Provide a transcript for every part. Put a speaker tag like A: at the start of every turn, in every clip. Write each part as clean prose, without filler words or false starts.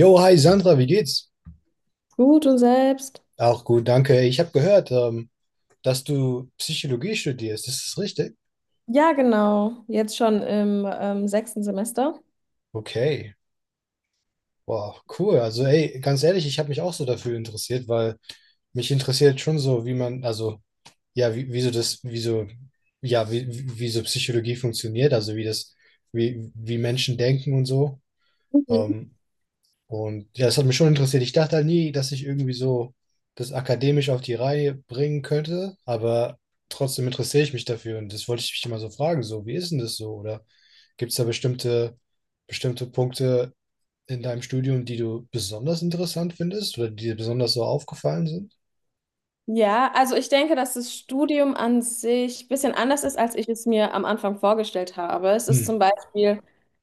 A: Jo, hi Sandra, wie geht's?
B: Gut und selbst?
A: Auch gut, danke. Ich habe gehört, dass du Psychologie studierst. Ist das richtig?
B: Ja, genau. Jetzt schon im sechsten Semester.
A: Okay. Wow, cool. Also, ey, ganz ehrlich, ich habe mich auch so dafür interessiert, weil mich interessiert schon so, wie man, also, ja, wie, wie so das, wie so, ja, wie, wie wie so Psychologie funktioniert, also wie Menschen denken und so.
B: Mhm.
A: Ähm, Und ja, das hat mich schon interessiert. Ich dachte halt nie, dass ich irgendwie so das akademisch auf die Reihe bringen könnte, aber trotzdem interessiere ich mich dafür. Und das wollte ich mich immer so fragen, so, wie ist denn das so? Oder gibt es da bestimmte Punkte in deinem Studium, die du besonders interessant findest oder die dir besonders so aufgefallen sind?
B: Ja, also ich denke, dass das Studium an sich ein bisschen anders ist, als ich es mir am Anfang vorgestellt habe. Es ist
A: Hm.
B: zum Beispiel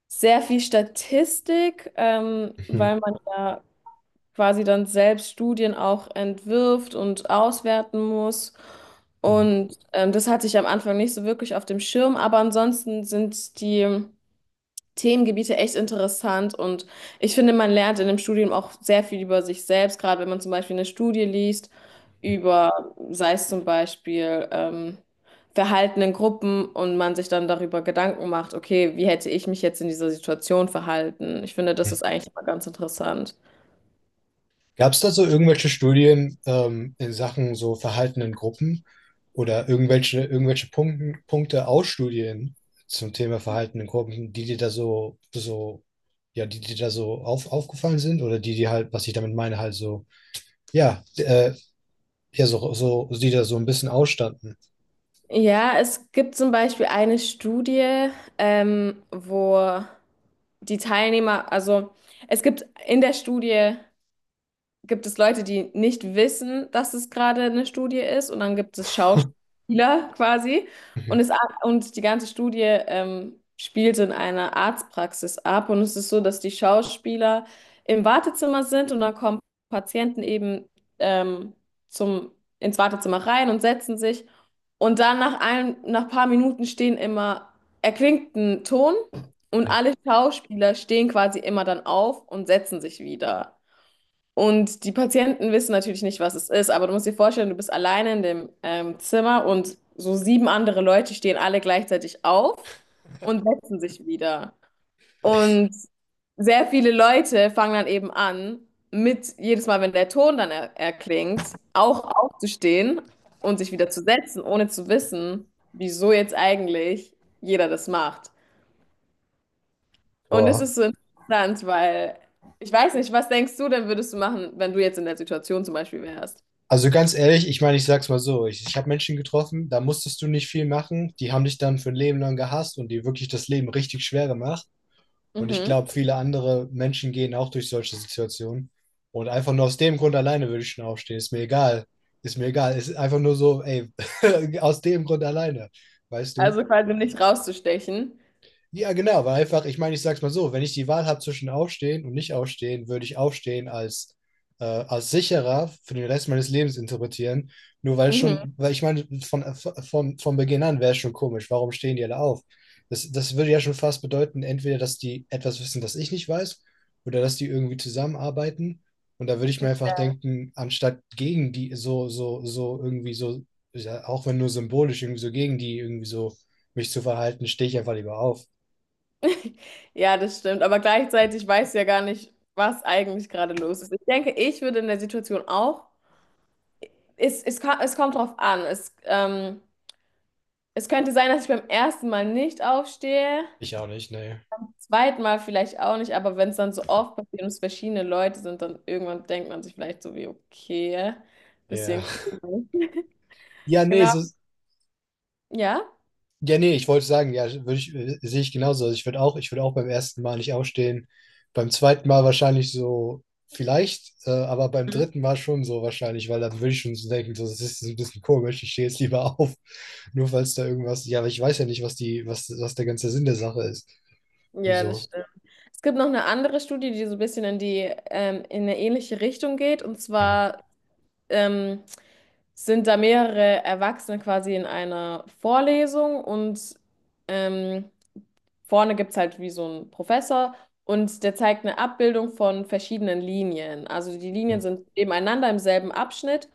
B: sehr viel Statistik,
A: Mhm.
B: weil man ja quasi dann selbst Studien auch entwirft und auswerten muss.
A: Mhm.
B: Und das hatte ich am Anfang nicht so wirklich auf dem Schirm, aber ansonsten sind die Themengebiete echt interessant und ich finde, man lernt in dem Studium auch sehr viel über sich selbst, gerade wenn man zum Beispiel eine Studie liest über, sei es zum Beispiel Verhalten in Gruppen und man sich dann darüber Gedanken macht, okay, wie hätte ich mich jetzt in dieser Situation verhalten? Ich finde, das ist eigentlich immer ganz interessant.
A: Gab es da so irgendwelche Studien in Sachen so Verhalten in Gruppen oder irgendwelche Punkten, Punkte aus Studien zum Thema Verhalten in Gruppen, die dir da so, ja, die dir da so aufgefallen sind oder die dir halt, was ich damit meine, halt so, ja, ja, so, die da so ein bisschen ausstanden?
B: Ja, es gibt zum Beispiel eine Studie, wo die Teilnehmer, also es gibt in der Studie gibt es Leute, die nicht wissen, dass es gerade eine Studie ist und dann gibt es Schauspieler quasi und,
A: Mhm,
B: es, und die ganze Studie spielt in einer Arztpraxis ab und es ist so, dass die Schauspieler im Wartezimmer sind und dann kommen Patienten eben ähm, zum, ins Wartezimmer rein und setzen sich und dann nach ein paar Minuten erklingt ein Ton und
A: mhm.
B: alle Schauspieler stehen quasi immer dann auf und setzen sich wieder. Und die Patienten wissen natürlich nicht, was es ist, aber du musst dir vorstellen, du bist alleine in dem Zimmer und so sieben andere Leute stehen alle gleichzeitig auf und setzen sich wieder. Und sehr viele Leute fangen dann eben an, mit jedes Mal, wenn der Ton dann er erklingt, auch aufzustehen und sich wieder zu setzen, ohne zu wissen, wieso jetzt eigentlich jeder das macht. Und es
A: Boah.
B: ist so interessant, weil ich weiß nicht, was denkst du denn, würdest du machen, wenn du jetzt in der Situation zum Beispiel wärst?
A: Also ganz ehrlich, ich meine, ich sag's mal so, ich habe Menschen getroffen, da musstest du nicht viel machen, die haben dich dann für ein Leben lang gehasst und dir wirklich das Leben richtig schwer gemacht. Und ich
B: Mhm.
A: glaube, viele andere Menschen gehen auch durch solche Situationen. Und einfach nur aus dem Grund alleine würde ich schon aufstehen. Ist mir egal. Ist mir egal. Ist einfach nur so, ey, aus dem Grund alleine. Weißt du?
B: Also quasi nicht rauszustechen.
A: Ja, genau, weil einfach, ich meine, ich sag's mal so, wenn ich die Wahl habe zwischen Aufstehen und nicht Aufstehen, würde ich Aufstehen als, als sicherer für den Rest meines Lebens interpretieren. Nur weil
B: Mhm.
A: schon, weil ich meine, von Beginn an wäre es schon komisch, warum stehen die alle auf? Das würde ja schon fast bedeuten, entweder, dass die etwas wissen, das ich nicht weiß, oder dass die irgendwie zusammenarbeiten. Und da würde ich mir einfach denken, anstatt gegen die so irgendwie so, ja, auch wenn nur symbolisch, irgendwie so gegen die irgendwie so mich zu verhalten, stehe ich einfach lieber auf.
B: Ja, das stimmt. Aber gleichzeitig weiß ja gar nicht, was eigentlich gerade los ist. Ich denke, ich würde in der Situation auch. Es kommt drauf an. Es könnte sein, dass ich beim ersten Mal nicht aufstehe.
A: Ich auch nicht, ne.
B: Zweitmal vielleicht auch nicht, aber wenn es dann so oft passiert und es verschiedene Leute sind, dann irgendwann denkt man sich vielleicht so wie, okay,
A: Ja.
B: bisschen cool.
A: Ja, ne,
B: Genau.
A: so,
B: Ja?
A: ja, ne, ich wollte sagen, ja, würde ich, sehe ich genauso. Also ich würde auch beim ersten Mal nicht aufstehen. Beim zweiten Mal wahrscheinlich so, vielleicht, aber beim dritten Mal schon so wahrscheinlich, weil dann würde ich schon so denken, so, das ist so ein bisschen komisch, ich stehe jetzt lieber auf. Nur falls da irgendwas, ja, aber ich weiß ja nicht, was die, was der ganze Sinn der Sache ist und
B: Ja, das
A: so.
B: stimmt. Es gibt noch eine andere Studie, die so ein bisschen in eine ähnliche Richtung geht. Und
A: Mhm.
B: zwar ähm, sind da mehrere Erwachsene quasi in einer Vorlesung und ähm, vorne gibt es halt wie so einen Professor und der zeigt eine Abbildung von verschiedenen Linien. Also die Linien sind nebeneinander im selben Abschnitt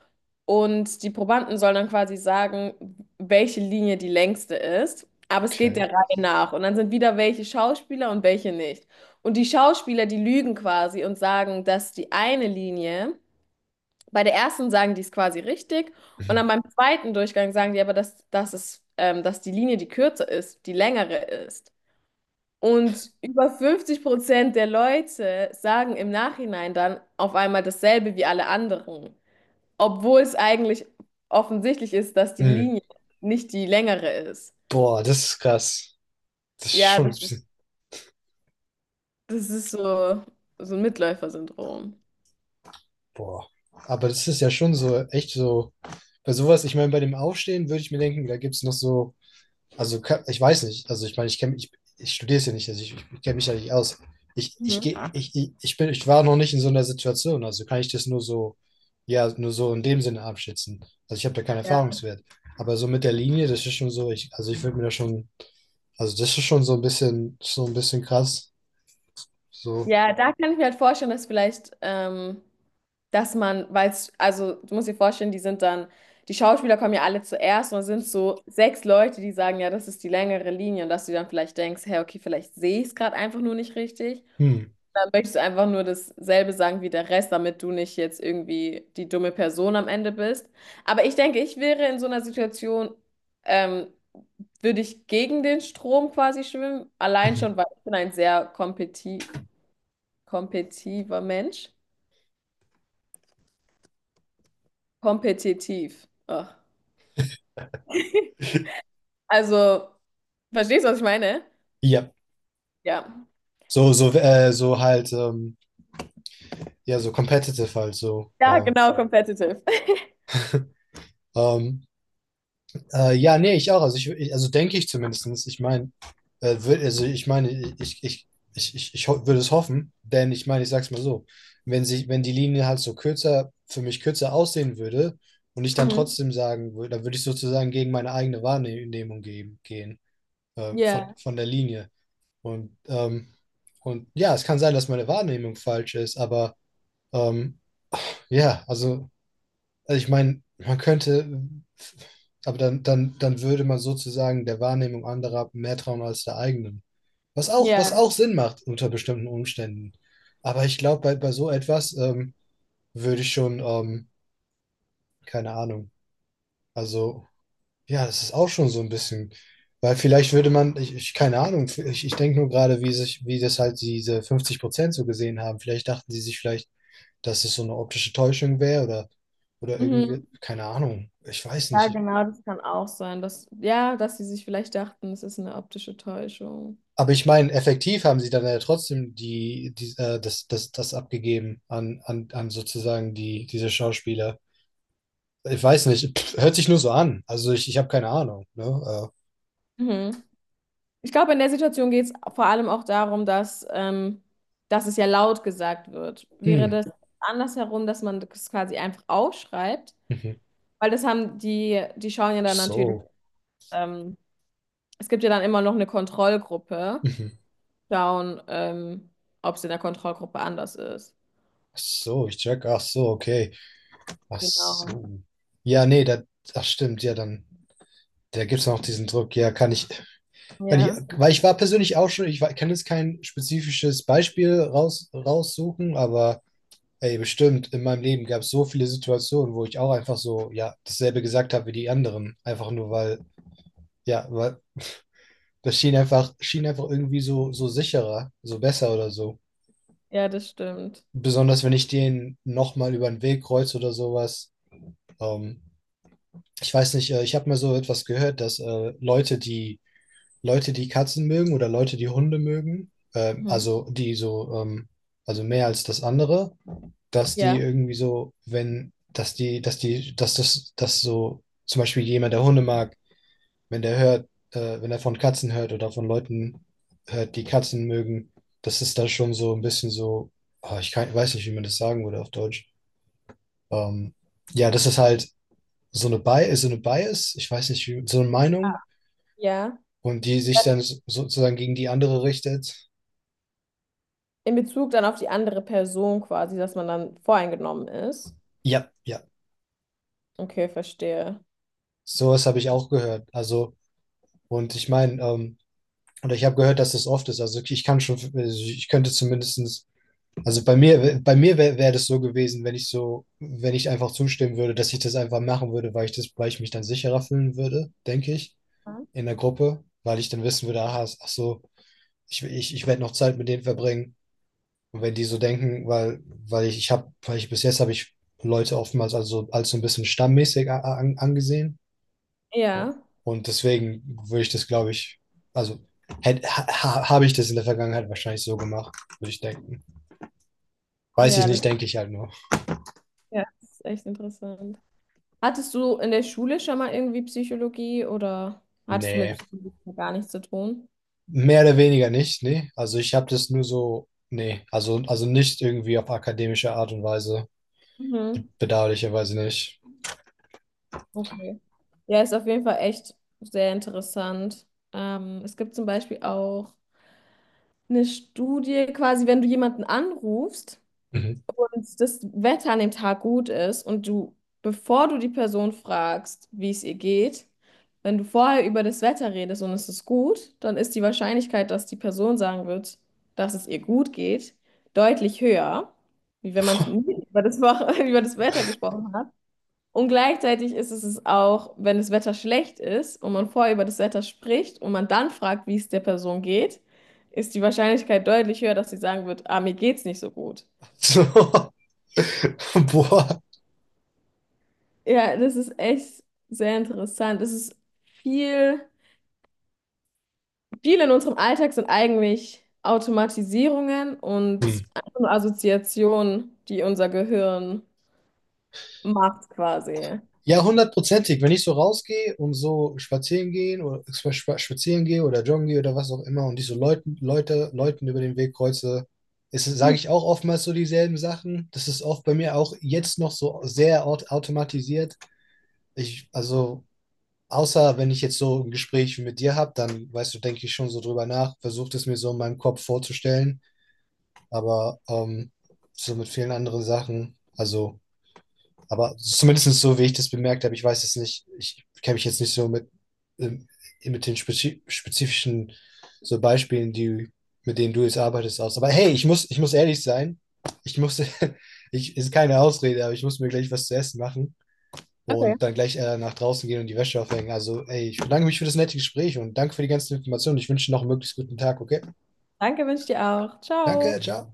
B: und die Probanden sollen dann quasi sagen, welche Linie die längste ist. Aber es geht
A: Okay.
B: der Reihe nach. Und dann sind wieder welche Schauspieler und welche nicht. Und die Schauspieler, die lügen quasi und sagen, dass die eine Linie, bei der ersten sagen die es quasi richtig. Und
A: Mhm.
B: dann beim zweiten Durchgang sagen die aber, dass die Linie, die kürzer ist, die längere ist. Und über 50% der Leute sagen im Nachhinein dann auf einmal dasselbe wie alle anderen, obwohl es eigentlich offensichtlich ist, dass die
A: Mhm.
B: Linie nicht die längere ist.
A: Boah, das ist krass. Das ist
B: Ja,
A: schon ein
B: das,
A: bisschen,
B: das ist so, so ein Mitläufer-Syndrom.
A: boah. Aber das ist ja schon so, echt so. Bei sowas, ich meine, bei dem Aufstehen würde ich mir denken, da gibt es noch so, also ich weiß nicht, also ich meine, ich studiere es ja nicht, also ich kenne mich ja nicht aus. Ich,
B: Mhm.
A: geh, ich bin, Ich war noch nicht in so einer Situation, also kann ich das nur so, ja, nur so in dem Sinne abschätzen. Also ich habe da keinen
B: Ja.
A: Erfahrungswert. Aber so mit der Linie, das ist schon so, also ich würde mir da schon, also das ist schon so ein bisschen krass. So,
B: Ja, da kann ich mir halt vorstellen, dass vielleicht, dass man, weil es, also du musst dir vorstellen, die sind dann, die Schauspieler kommen ja alle zuerst und es sind so sechs Leute, die sagen, ja, das ist die längere Linie und dass du dann vielleicht denkst, hey, okay, vielleicht sehe ich es gerade einfach nur nicht richtig.
A: hm,
B: Dann möchtest du einfach nur dasselbe sagen wie der Rest, damit du nicht jetzt irgendwie die dumme Person am Ende bist. Aber ich denke, ich wäre in so einer Situation, ähm, würde ich gegen den Strom quasi schwimmen, allein
A: mhm.
B: schon, weil ich bin ein sehr kompetiver Mensch? Kompetitiv. Ach. Also, verstehst du, was ich meine?
A: Ja.
B: Ja.
A: So halt, ja, so competitive halt, so,
B: Ja, genau, competitive.
A: ähm, ja, nee, ich auch. Also, also denke ich zumindest. Ich meine, also ich meine, ich, ich, würde es hoffen, denn ich meine, ich sag's mal so, wenn sich, wenn die Linie halt so kürzer, für mich kürzer aussehen würde und ich dann
B: Mhm.
A: trotzdem sagen würde, dann würde ich sozusagen gegen meine eigene Wahrnehmung gehen
B: Ja,
A: von der Linie. Und, ähm, und ja, es kann sein, dass meine Wahrnehmung falsch ist, aber ähm, ja, also ich meine, man könnte, aber dann würde man sozusagen der Wahrnehmung anderer mehr trauen als der eigenen. Was
B: ja.
A: auch Sinn macht unter bestimmten Umständen. Aber ich glaube, bei, bei so etwas würde ich schon, keine Ahnung. Also, ja, das ist auch schon so ein bisschen, weil vielleicht würde man, ich keine Ahnung, ich denke nur gerade, wie sich, wie das halt diese 50% so gesehen haben. Vielleicht dachten sie sich vielleicht, dass es so eine optische Täuschung wäre oder
B: Mhm.
A: irgendwie, keine Ahnung. Ich weiß
B: Ja,
A: nicht.
B: genau, das kann auch sein. Dass, ja, dass sie sich vielleicht dachten, es ist eine optische Täuschung.
A: Aber ich meine, effektiv haben sie dann ja trotzdem das abgegeben an sozusagen diese Schauspieler. Ich weiß nicht, pff, hört sich nur so an. Also ich habe keine Ahnung. Ne?
B: Mhm. Ich glaube, in der Situation geht es vor allem auch darum, dass, dass es ja laut gesagt wird. Wäre
A: Hm,
B: das andersherum, dass man das quasi einfach aufschreibt?
A: mhm.
B: Weil das haben die, die schauen ja dann natürlich
A: So.
B: ähm, es gibt ja dann immer noch eine Kontrollgruppe.
A: Mhm.
B: Schauen, ob es in der Kontrollgruppe anders ist.
A: Ach so, ich check. Ach so, okay. Ach
B: Genau.
A: so. Ja, nee, da, ach stimmt, ja, dann. Da gibt es noch diesen Druck, ja, kann ich,
B: Ja,
A: weil ich war persönlich auch schon, ich war, kann jetzt kein spezifisches Beispiel raussuchen, aber ey, bestimmt, in meinem Leben gab es so viele Situationen, wo ich auch einfach so, ja, dasselbe gesagt habe wie die anderen. Einfach nur, weil, ja, weil das schien einfach irgendwie so, so sicherer, so besser oder so.
B: ja, das stimmt.
A: Besonders wenn ich den nochmal über den Weg kreuze oder sowas. Ähm, ich weiß nicht, ich habe mal so etwas gehört, dass Leute, die Katzen mögen oder Leute, die Hunde mögen,
B: Mhm.
A: also die so, also mehr als das andere, dass die
B: Ja,
A: irgendwie so, wenn, dass die, dass die, dass das, dass so zum Beispiel jemand, der Hunde mag, wenn der hört, wenn er von Katzen hört oder von Leuten hört, die Katzen mögen, das ist da schon so ein bisschen so, ah, ich kann, weiß nicht, wie man das sagen würde auf Deutsch. Ähm, ja, das ist halt so eine Bias, ich weiß nicht, wie, so eine Meinung
B: ja.
A: und die sich dann sozusagen gegen die andere richtet.
B: In Bezug dann auf die andere Person quasi, dass man dann voreingenommen ist.
A: Ja, ja,
B: Okay, verstehe.
A: sowas habe ich auch gehört. Also, und ich meine, oder ich habe gehört, dass das oft ist. Also ich kann schon, also ich könnte zumindestens, also bei mir wär das so gewesen, wenn ich so, wenn ich einfach zustimmen würde, dass ich das einfach machen würde, weil ich mich dann sicherer fühlen würde, denke ich,
B: Mhm.
A: in der Gruppe, weil ich dann wissen würde, aha, ach so, ich werde noch Zeit mit denen verbringen. Und wenn die so denken, weil, weil ich bis jetzt habe ich Leute oftmals also als so ein bisschen stammmäßig angesehen
B: Ja,
A: und deswegen würde ich das, glaube ich, also hätt- ha, habe ich das in der Vergangenheit wahrscheinlich so gemacht, würde ich denken. Weiß ich
B: ja, das,
A: nicht, denke ich halt nur.
B: ja, das ist echt interessant. Hattest du in der Schule schon mal irgendwie Psychologie oder hattest du mit
A: Nee,
B: Psychologie gar nichts zu tun?
A: mehr oder weniger nicht, nee. Also ich habe das nur so, nee, also nicht irgendwie auf akademische Art und Weise,
B: Mhm.
A: bedauerlicherweise nicht.
B: Okay. Ja, ist auf jeden Fall echt sehr interessant. Es gibt zum Beispiel auch eine Studie, quasi, wenn du jemanden anrufst
A: Mhm.
B: und das Wetter an dem Tag gut ist und du, bevor du die Person fragst, wie es ihr geht, wenn du vorher über das Wetter redest und es ist gut, dann ist die Wahrscheinlichkeit, dass die Person sagen wird, dass es ihr gut geht, deutlich höher, wie wenn man es nie über das, Woche- über das Wetter gesprochen hat. Und gleichzeitig ist es auch, wenn das Wetter schlecht ist und man vorher über das Wetter spricht und man dann fragt, wie es der Person geht, ist die Wahrscheinlichkeit deutlich höher, dass sie sagen wird, ah, mir geht's nicht so gut.
A: So. Boah.
B: Ja, das ist echt sehr interessant. Es ist viel, viel in unserem Alltag sind eigentlich Automatisierungen
A: Hm.
B: und einfach nur Assoziationen, die unser Gehirn macht quasi.
A: Ja, hundertprozentig. Wenn ich so rausgehe und so spazieren gehe oder joggen gehe oder was auch immer und ich so Leuten über den Weg kreuze, sage
B: Mhm.
A: ich auch oftmals so dieselben Sachen. Das ist oft bei mir auch jetzt noch so sehr automatisiert. Ich, also, außer wenn ich jetzt so ein Gespräch mit dir habe, dann, weißt du, denke ich schon so drüber nach, versuche es mir so in meinem Kopf vorzustellen, aber so mit vielen anderen Sachen. Also aber zumindest so, wie ich das bemerkt habe, ich weiß es nicht, ich kenne mich jetzt nicht so ähm, mit den spezifischen so Beispielen, die, mit denen du jetzt arbeitest, aus. Aber hey, ich muss ehrlich sein, ich muss, ich, ist keine Ausrede, aber ich muss mir gleich was zu essen machen
B: Okay.
A: und dann gleich nach draußen gehen und die Wäsche aufhängen. Also, ey, ich bedanke mich für das nette Gespräch und danke für die ganzen Informationen. Ich wünsche dir noch einen möglichst guten Tag, okay?
B: Danke, wünsche ich dir auch.
A: Danke,
B: Ciao.
A: ciao.